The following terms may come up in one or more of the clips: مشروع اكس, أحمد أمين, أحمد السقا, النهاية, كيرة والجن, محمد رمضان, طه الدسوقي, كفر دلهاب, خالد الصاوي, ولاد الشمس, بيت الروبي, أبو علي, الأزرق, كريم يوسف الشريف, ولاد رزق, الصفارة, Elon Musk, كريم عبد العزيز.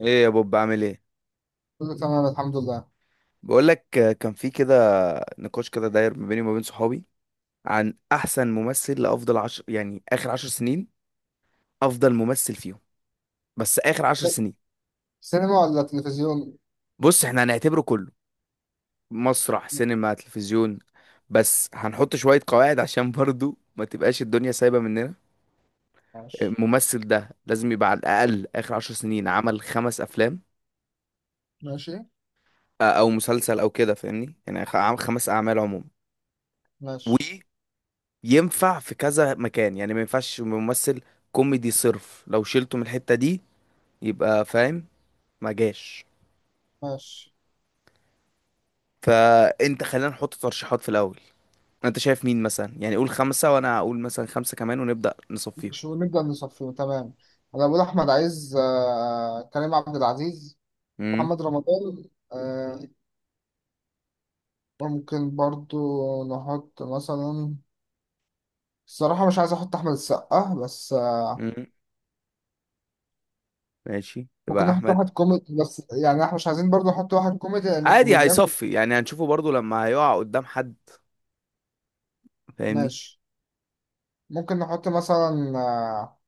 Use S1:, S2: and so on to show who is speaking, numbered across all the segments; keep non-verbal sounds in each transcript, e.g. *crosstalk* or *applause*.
S1: ايه يا بوب، بعمل ايه؟
S2: كله تمام الحمد لله.
S1: بقول لك، كان في كده نقاش كده داير ما بيني وما بين صحابي عن احسن ممثل لافضل عشر، يعني اخر عشر سنين، افضل ممثل فيهم، بس اخر عشر سنين.
S2: سينما ولا تلفزيون؟
S1: بص، احنا هنعتبره كله: مسرح، سينما، تلفزيون. بس هنحط شوية قواعد عشان برضو ما تبقاش الدنيا سايبة مننا.
S2: ماشي.
S1: الممثل ده لازم يبقى على الاقل اخر عشر سنين عمل خمس افلام،
S2: ماشي.
S1: او مسلسل او كده، فاهمني؟ يعني عمل خمس اعمال عموما،
S2: ماشي.
S1: ينفع في كذا مكان. يعني ما ينفعش ممثل كوميدي صرف لو شلته من الحتة دي يبقى فاهم، ما جاش.
S2: ماشي.
S1: فانت، خلينا نحط ترشيحات في الاول. انت شايف مين مثلا؟ يعني قول خمسة وانا اقول مثلا خمسة كمان ونبدأ نصفيهم.
S2: شو نبدأ نصفي، تمام. أنا بقول أحمد عايز، كريم عبد العزيز،
S1: امم
S2: محمد رمضان، آه، ممكن برضو نحط مثلا الصراحة مش عايز أحط أحمد السقا بس،
S1: امم ماشي،
S2: ممكن
S1: يبقى
S2: نحط
S1: احمد.
S2: واحد كوميدي، بس يعني إحنا مش عايزين برضو نحط واحد كوميدي لأن
S1: عادي،
S2: الكوميديان
S1: هيصفي، يعني هنشوفه برضو لما هيقع قدام حد، فاهمني.
S2: ماشي. ممكن نحط مثلا،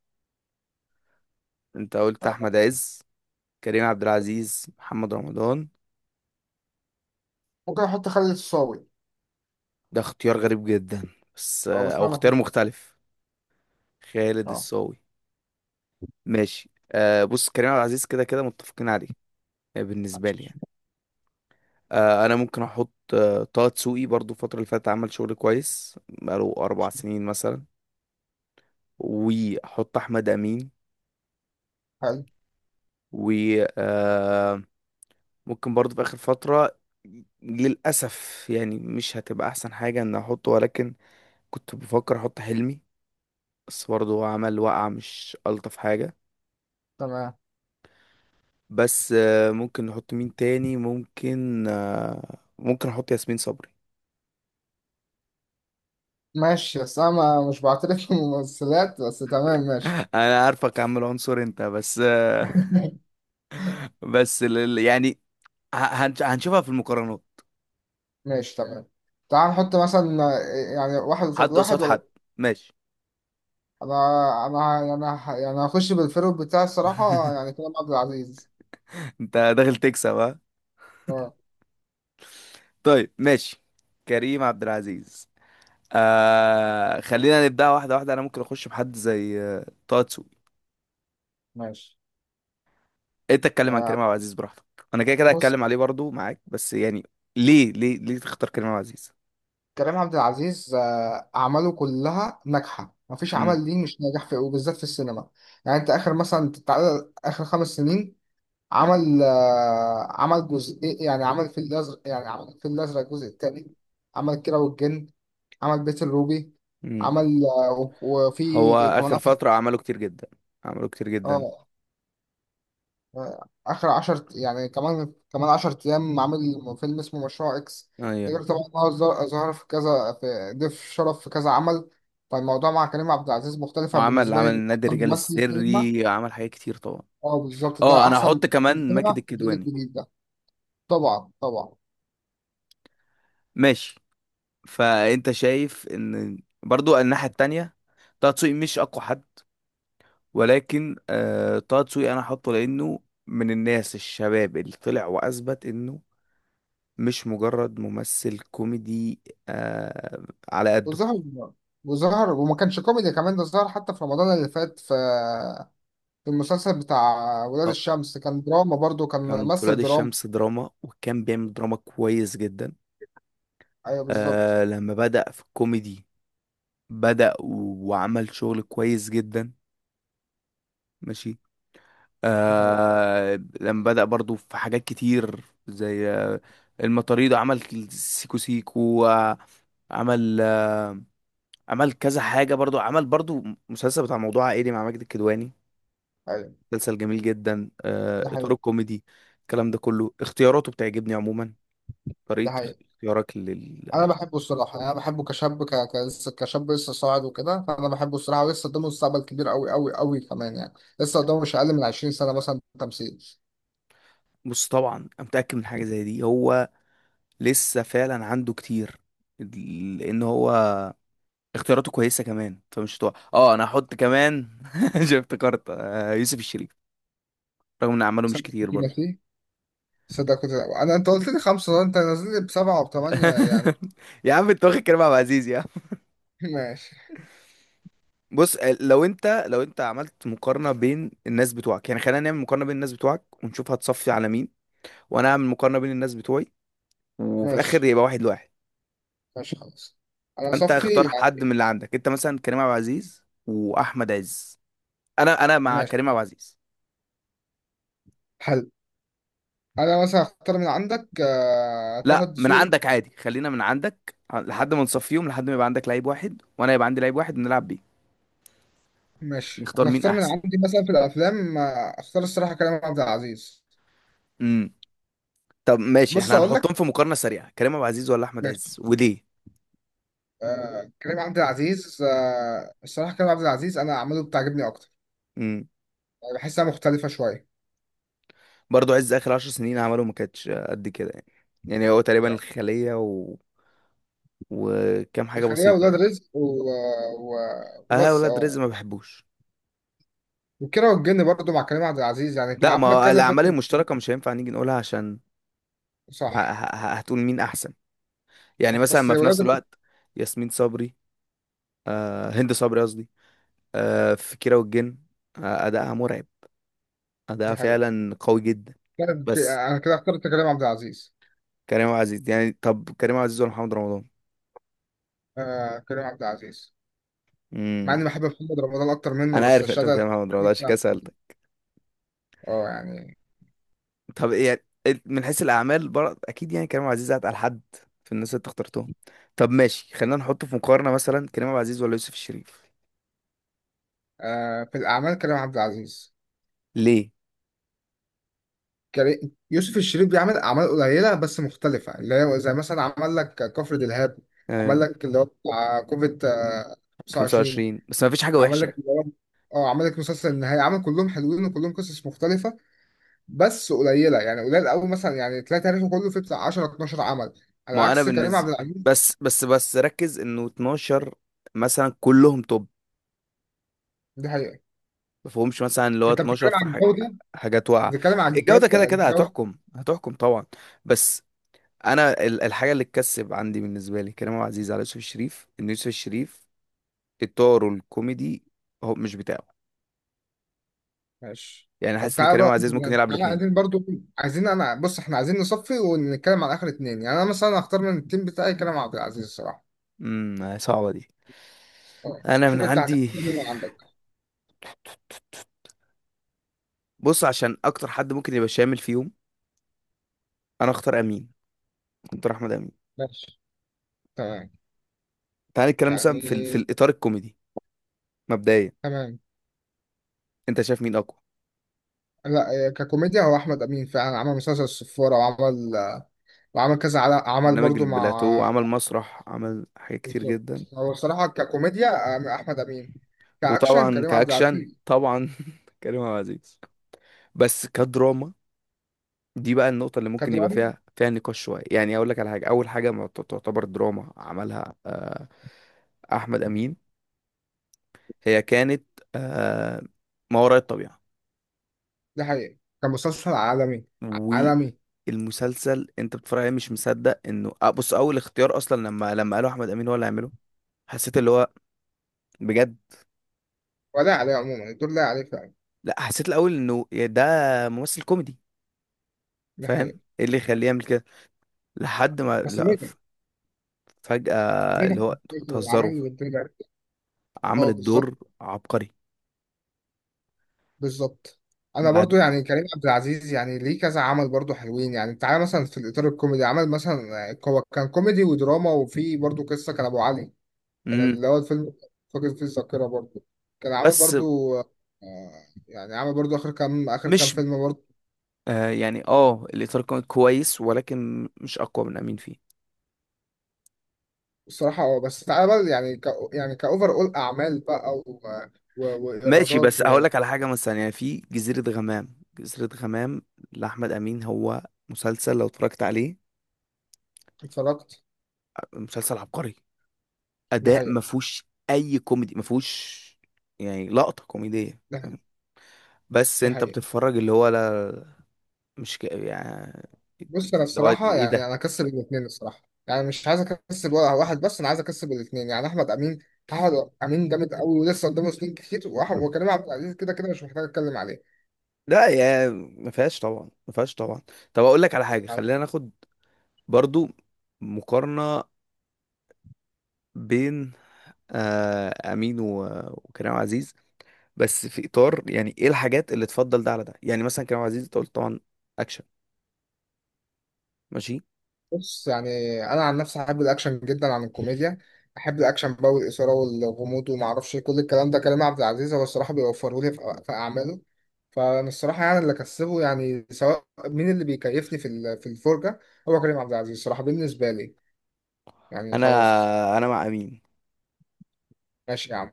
S1: انت قلت
S2: آه،
S1: احمد عز، كريم عبد العزيز، محمد رمضان.
S2: ممكن نحط خالد الصاوي.
S1: ده اختيار غريب جدا، بس
S2: أه بس
S1: او
S2: أنا
S1: اختيار
S2: بحب.
S1: مختلف. خالد
S2: أه.
S1: الصاوي. ماشي، آه بص، كريم عبد العزيز كده كده متفقين عليه. بالنسبة لي يعني، أنا ممكن أحط طه دسوقي، برضو الفترة اللي فاتت عمل شغل كويس بقاله أربع سنين مثلا، وأحط أحمد أمين.
S2: حلو،
S1: و آه ممكن برضو في آخر فترة، للأسف يعني مش هتبقى أحسن حاجة إن أحطه، ولكن كنت بفكر أحط حلمي، بس برضو هو عمل وقعة مش ألطف حاجة.
S2: تمام
S1: بس آه، ممكن نحط مين تاني؟ ممكن ممكن أحط ياسمين صبري.
S2: ماشي. بس انا مش بعترف بالممثلات *laughs* بس تمام ماشي.
S1: انا عارفك يا عم، العنصر انت بس.
S2: *laughs*
S1: *laughs* بس يعني ه- هنشوفها في المقارنات.
S2: ماشي تمام. تعال نحط مثلا، يعني واحد قصاد
S1: حد قصاد
S2: واحد ولا،
S1: حد، ماشي.
S2: انا انا يعني هخش بالفيرو بتاعي الصراحة،
S1: *laughs*
S2: يعني كريم عبد العزيز.
S1: انت داخل تكسب، ها؟
S2: اه
S1: طيب ماشي، كريم عبد العزيز. آه خلينا نبدأ واحدة واحدة، انا ممكن اخش بحد زي طه دسوقي.
S2: ماشي.
S1: انت اتكلم عن
S2: آه،
S1: كريم عبد العزيز براحتك. انا كده كده
S2: بص
S1: هتكلم عليه برضو معاك، بس يعني ليه ليه ليه تختار كريم عبد العزيز؟
S2: كريم عبد العزيز، أعماله كلها ناجحة، مفيش
S1: امم
S2: عمل ليه مش ناجح في، وبالذات في السينما. يعني أنت آخر مثلا، تعال آخر خمس سنين عمل، عمل جزء، يعني عمل في الازرق، يعني عمل في الازرق الجزء الثاني، عمل كيرة والجن، عمل بيت الروبي،
S1: امم
S2: عمل
S1: هو
S2: وفي كمان
S1: اخر
S2: اخر.
S1: فترة عمله كتير جدا، عمله كتير جدا،
S2: اه، اخر عشر، يعني كمان كمان عشر ايام عامل فيلم اسمه مشروع اكس.
S1: ايوه.
S2: غير طبعا إن هو ظهر في كذا، في ضيف شرف في كذا عمل. فالموضوع مع كريم عبد العزيز مختلفة
S1: وعمل
S2: بالنسبة
S1: عمل
S2: لي،
S1: نادي
S2: أحسن
S1: الرجال
S2: ممثل في السينما.
S1: السري، عمل حاجات كتير طبعا.
S2: اه بالظبط،
S1: اه
S2: ده
S1: انا هحط
S2: أحسن في
S1: كمان
S2: السينما
S1: ماجد
S2: في الجيل
S1: الكدواني.
S2: الجديد ده. طبعا طبعا.
S1: ماشي. فانت شايف ان برضو الناحية التانية طه دسوقي مش اقوى حد، ولكن آه، طه دسوقي انا هحطه لانه من الناس الشباب اللي طلع واثبت انه مش مجرد ممثل كوميدي، آه على قده.
S2: وظهر وظهر وما كانش كوميدي كمان، ده ظهر حتى في رمضان اللي فات في، في المسلسل بتاع ولاد
S1: اه،
S2: الشمس، كان دراما برضو، كان
S1: كان في
S2: ممثل
S1: ولاد
S2: دراما.
S1: الشمس دراما، وكان بيعمل دراما كويس جدا.
S2: ايوه بالظبط.
S1: لما بدأ في الكوميدي، بدأ وعمل شغل كويس جدا، ماشي.
S2: دي حقيقة.
S1: لما بدأ برضو في حاجات كتير زي المطاريد، عمل سيكو سيكو، عمل عمل كذا حاجة برضو، عمل برضو مسلسل بتاع موضوع عائلي مع ماجد الكدواني،
S2: ايوه.
S1: مسلسل جميل جدا،
S2: ده
S1: إطار
S2: حقيقي.
S1: الكوميدي. الكلام ده كله، اختياراته بتعجبني عموما،
S2: ده
S1: طريقة
S2: حقيقي،
S1: اختيارك لل...
S2: انا بحبه الصراحه، انا بحبه كشاب، كشاب لسه صاعد وكده، فانا بحبه الصراحه، ولسه قدامه مستقبل كبير قوي قوي قوي كمان يعني. لسه قدامه مش اقل من 20 سنه مثلا تمثيل.
S1: بص طبعا أنا متأكد من حاجة زي دي، هو لسه فعلا عنده كتير، لأن هو اختياراته كويسه كمان فمش هتوقع. اه انا هحط كمان، *laughs* شفت، افتكرت يوسف الشريف، رغم ان اعماله مش
S2: صدق
S1: كتير
S2: كده
S1: برضه.
S2: فيه. صدق كده، انا انت قلت لي خمسه، انت نازل لي بسبعه وبثمانيه يعني.
S1: *laughs* يا عم انت واخد كريم عبد العزيز يا عم.
S2: *laughs* ماشي.
S1: بص لو انت عملت مقارنه بين الناس بتوعك، يعني خلينا نعمل مقارنه بين الناس بتوعك ونشوف هتصفي على مين، وانا اعمل مقارنه بين الناس بتوعي، وفي الاخر
S2: ماشي
S1: يبقى واحد لواحد.
S2: ماشي خلاص. انا
S1: فانت
S2: صفي
S1: اختار حد من
S2: يعني.
S1: اللي عندك، انت مثلا كريم عبد العزيز واحمد عز. انا مع
S2: ماشي.
S1: كريم عبد العزيز.
S2: حلو. انا مثلا اختار من عندك، طه
S1: لا، من
S2: الدسوقي.
S1: عندك عادي، خلينا من عندك لحد ما نصفيهم، لحد ما يبقى عندك لعيب واحد وانا يبقى عندي لعيب واحد نلعب بيه.
S2: ماشي.
S1: نختار
S2: انا
S1: مين
S2: اختار من
S1: احسن.
S2: عندي مثلا في الافلام، اختار الصراحه كريم عبد العزيز.
S1: امم طب ماشي،
S2: بص
S1: احنا
S2: اقول لك.
S1: هنحطهم في مقارنة سريعة: كريم ابو عزيز ولا احمد عز
S2: ماشي.
S1: وليه؟
S2: كريم عبد العزيز، الصراحه كريم عبد العزيز انا اعماله بتعجبني اكتر.
S1: امم
S2: يعني بحسها مختلفه شويه،
S1: برضه عز اخر عشر سنين عمله ما كانتش قد كده يعني، يعني هو تقريبا
S2: يعني
S1: الخلية و... وكام حاجة
S2: خليها
S1: بسيطة
S2: ولاد
S1: يعني.
S2: رزق و...
S1: اه
S2: وبس
S1: ولاد
S2: اه.
S1: رزق ما بحبوش.
S2: وكيرة والجن برضه مع كريم عبد العزيز، يعني كان
S1: لا، ما
S2: عمل
S1: هو
S2: كذا
S1: الاعمال
S2: فيلم.
S1: المشتركة مش هينفع نيجي نقولها، عشان
S2: صح.
S1: هتقول مين احسن؟ يعني
S2: صح
S1: مثلا
S2: بس
S1: ما في
S2: ولاد
S1: نفس
S2: رزق.
S1: الوقت. ياسمين صبري، آه هند صبري قصدي، في كيرة والجن، أداءها مرعب، أداءها
S2: ده حقيقي.
S1: فعلا قوي جدا.
S2: طيب،
S1: بس
S2: انا كده اخترت كريم عبد العزيز.
S1: كريم عبد العزيز يعني، طب كريم عبد العزيز ولا محمد رمضان؟
S2: آه كريم عبد العزيز، مع
S1: امم
S2: اني بحب محمد رمضان اكتر منه،
S1: أنا
S2: بس
S1: عارف إن أنت بتتكلم
S2: الشهاده.
S1: عن محمد رمضان، عشان كده سألتك.
S2: اه يعني.
S1: طب إيه يعني، إيه من حيث الأعمال؟ برضه أكيد يعني كريم عبد العزيز أتقل حد في الناس اللي أنت اخترتهم. طب ماشي، خلينا نحط في مقارنة مثلا كريم عبد العزيز ولا يوسف الشريف.
S2: آه في الاعمال كريم عبد العزيز.
S1: ليه؟
S2: كريم، يوسف الشريف بيعمل اعمال قليله بس مختلفه، اللي هي زي مثلا عمل لك كفر دلهاب،
S1: آه
S2: عمل لك اللي هو بتاع كوفيد 25،
S1: 25 بس ما فيش حاجة
S2: عمل
S1: وحشة.
S2: لك اللي هو اه، عمل لك مسلسل النهايه، عمل كلهم حلوين وكلهم قصص مختلفه، بس قليله، يعني قليل قوي مثلا، يعني تلاقي تاريخه كله فيه بتاع 10 12 عمل، على
S1: ما أنا
S2: عكس كريم عبد
S1: بالنسبة،
S2: العزيز.
S1: بس بس بس ركز إنه 12 مثلا كلهم توب،
S2: دي حقيقة.
S1: ما فيهمش مثلا اللي هو
S2: انت
S1: 12
S2: بتتكلم
S1: في
S2: عن
S1: حاج...
S2: الجودة.
S1: حاجات واقعه.
S2: بتتكلم عن
S1: الجوده كده
S2: الجودة
S1: كده
S2: الجودة
S1: هتحكم، هتحكم طبعا، بس انا الحاجه اللي تكسب عندي، بالنسبه لي كريم عبد العزيز على يوسف الشريف، ان يوسف الشريف اطاره الكوميدي هو مش بتاعه.
S2: ماشي.
S1: يعني
S2: طب
S1: حاسس ان
S2: تعالى
S1: كريم عبد
S2: بقى،
S1: العزيز ممكن يلعب
S2: تعالى
S1: الاثنين.
S2: عايزين برضو، عايزين انا بص، احنا عايزين نصفي ونتكلم عن اخر اتنين، يعني انا مثلا هختار من التيم بتاعي كلام عبد العزيز الصراحة.
S1: صعبه دي.
S2: اه.
S1: انا من
S2: شوف انت هتختار
S1: عندي،
S2: مين اللي
S1: *laughs*
S2: عندك.
S1: بص عشان اكتر حد ممكن يبقى شامل فيهم، انا اختار امين، اختار احمد امين.
S2: ماشي. تمام.
S1: تعال نتكلم مثلا في في
S2: يعني
S1: الاطار الكوميدي، مبدئيا
S2: تمام.
S1: انت شايف مين اقوى؟
S2: لا ككوميديا هو احمد امين فعلا، عمل مسلسل الصفارة، وعمل، وعمل كذا عمل
S1: برنامج
S2: برضو مع.
S1: البلاتو، عمل مسرح، عمل حاجات كتير جدا.
S2: بالظبط، هو الصراحة ككوميديا اه، احمد امين. كاكشن
S1: وطبعا
S2: كريم عبد
S1: كأكشن،
S2: العزيز.
S1: طبعا *laughs* كريم عبد العزيز. بس كدراما، دي بقى النقطة اللي ممكن يبقى
S2: كدراما.
S1: فيها نقاش شوية. يعني أقول لك على حاجة، أول حاجة ما تعتبر دراما عملها أحمد أمين، هي كانت آه، ما وراء الطبيعة.
S2: ده حقيقي، كان مسلسل عالمي. عالمي.
S1: والمسلسل أنت بتتفرج عليه مش مصدق إنه. بص أول اختيار أصلا، لما قالوا أحمد أمين هو اللي هيعمله، حسيت اللي هو، بجد.
S2: ولا عليه عموما الدور، لا عليه فعلا.
S1: لا، حسيت الأول إنه يا ده ممثل كوميدي،
S2: ده
S1: فاهم
S2: حقيقي.
S1: إيه اللي يخليه يعمل كده؟ لحد ما
S2: بس
S1: لا،
S2: نجح.
S1: فجأة،
S2: نجح
S1: اللي هو
S2: في
S1: انتوا
S2: الفكرة،
S1: بتهزروا؟
S2: العمل والدنيا.
S1: عمل
S2: اه بالظبط.
S1: الدور عبقري.
S2: بالظبط. انا
S1: بعد،
S2: برضو يعني كريم عبد العزيز يعني ليه كذا عمل برضو حلوين، يعني تعالى مثلا في الاطار الكوميدي، عمل مثلا هو كان كوميدي ودراما، وفي برضو قصه كان ابو علي، كان
S1: مم.
S2: اللي هو الفيلم فاقد فيه الذاكره برضو، كان عمل
S1: بس
S2: برضو يعني عمل برضو اخر كام
S1: مش،
S2: فيلم.
S1: يعني، اه، الإطار كان كويس ولكن مش أقوى من أمين فيه.
S2: الصراحة اه، بس تعالى بقى، يعني كأوفر أول أعمال بقى
S1: ماشي
S2: وإيرادات.
S1: بس هقول لك على حاجة مثلا، يعني في جزيرة غمام، جزيرة غمام لأحمد أمين، هو مسلسل لو اتفرجت عليه،
S2: واتفرجت.
S1: مسلسل عبقري،
S2: ده
S1: أداء
S2: حقيقة.
S1: ما فيهوش أي كوميدي، ما فيهوش يعني لقطة كوميدية،
S2: ده حقيقة.
S1: فاهم؟ بس
S2: ده
S1: انت
S2: حقيقة.
S1: بتتفرج اللي هو لا، مش يعني،
S2: بص أنا
S1: اللي هو
S2: الصراحة
S1: ايه
S2: يعني
S1: ده؟
S2: أنا أكسب الاتنين الصراحة، يعني مش عايز أكسب ولا واحد، بس أنا عايز أكسب الاتنين، يعني أحمد أمين. أحمد أمين جامد أوي، ولسه قدامه سنين كتير، وكريم عبد العزيز كده كده مش محتاج أتكلم عليه.
S1: لا يا، ما فيهاش طبعا، ما فيهاش طبعا. طب اقول لك على حاجه،
S2: يعني
S1: خلينا ناخد برضو مقارنه بين امين وكريم عزيز، بس في اطار، يعني ايه الحاجات اللي تفضل ده على ده؟ يعني مثلا كريم عزيز انت قلت طبعا اكشن، ماشي.
S2: بص، يعني انا عن نفسي احب الاكشن جدا عن الكوميديا، احب الاكشن بقى والاثاره والغموض وما اعرفش إيه، كل الكلام ده كريم عبد العزيز هو الصراحه بيوفره لي في، في اعماله. فانا الصراحه يعني اللي كسبه، يعني سواء مين اللي بيكيفني في في الفرجه، هو كريم عبد العزيز الصراحه بالنسبه لي، يعني
S1: انا
S2: خلاص.
S1: انا مع امين.
S2: ماشي يا عم.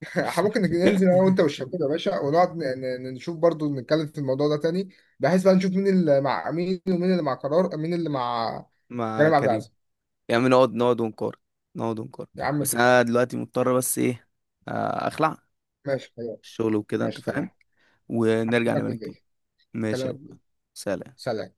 S2: *laughs* إحنا ممكن ننزل انا وانت والشباب يا باشا، ونقعد نشوف، برضو نتكلم في الموضوع ده تاني، بحيث بقى نشوف مين اللي مع مين، ومين اللي مع قرار، مين اللي مع
S1: مع
S2: كريم عبد
S1: كريم.
S2: العزيز،
S1: يعني نقعد، نقعد ونقارن، نقعد ونقارن.
S2: يا عم.
S1: بس انا دلوقتي مضطر، بس ايه، اخلع
S2: ماشي خلاص.
S1: الشغل وكده، انت
S2: ماشي
S1: فاهم.
S2: تمام.
S1: ونرجع
S2: هكلمك
S1: نبقى نتكلم.
S2: بالليل.
S1: ماشي يا أبو
S2: هكلمك
S1: الله.
S2: بالليل.
S1: سلام.
S2: سلام.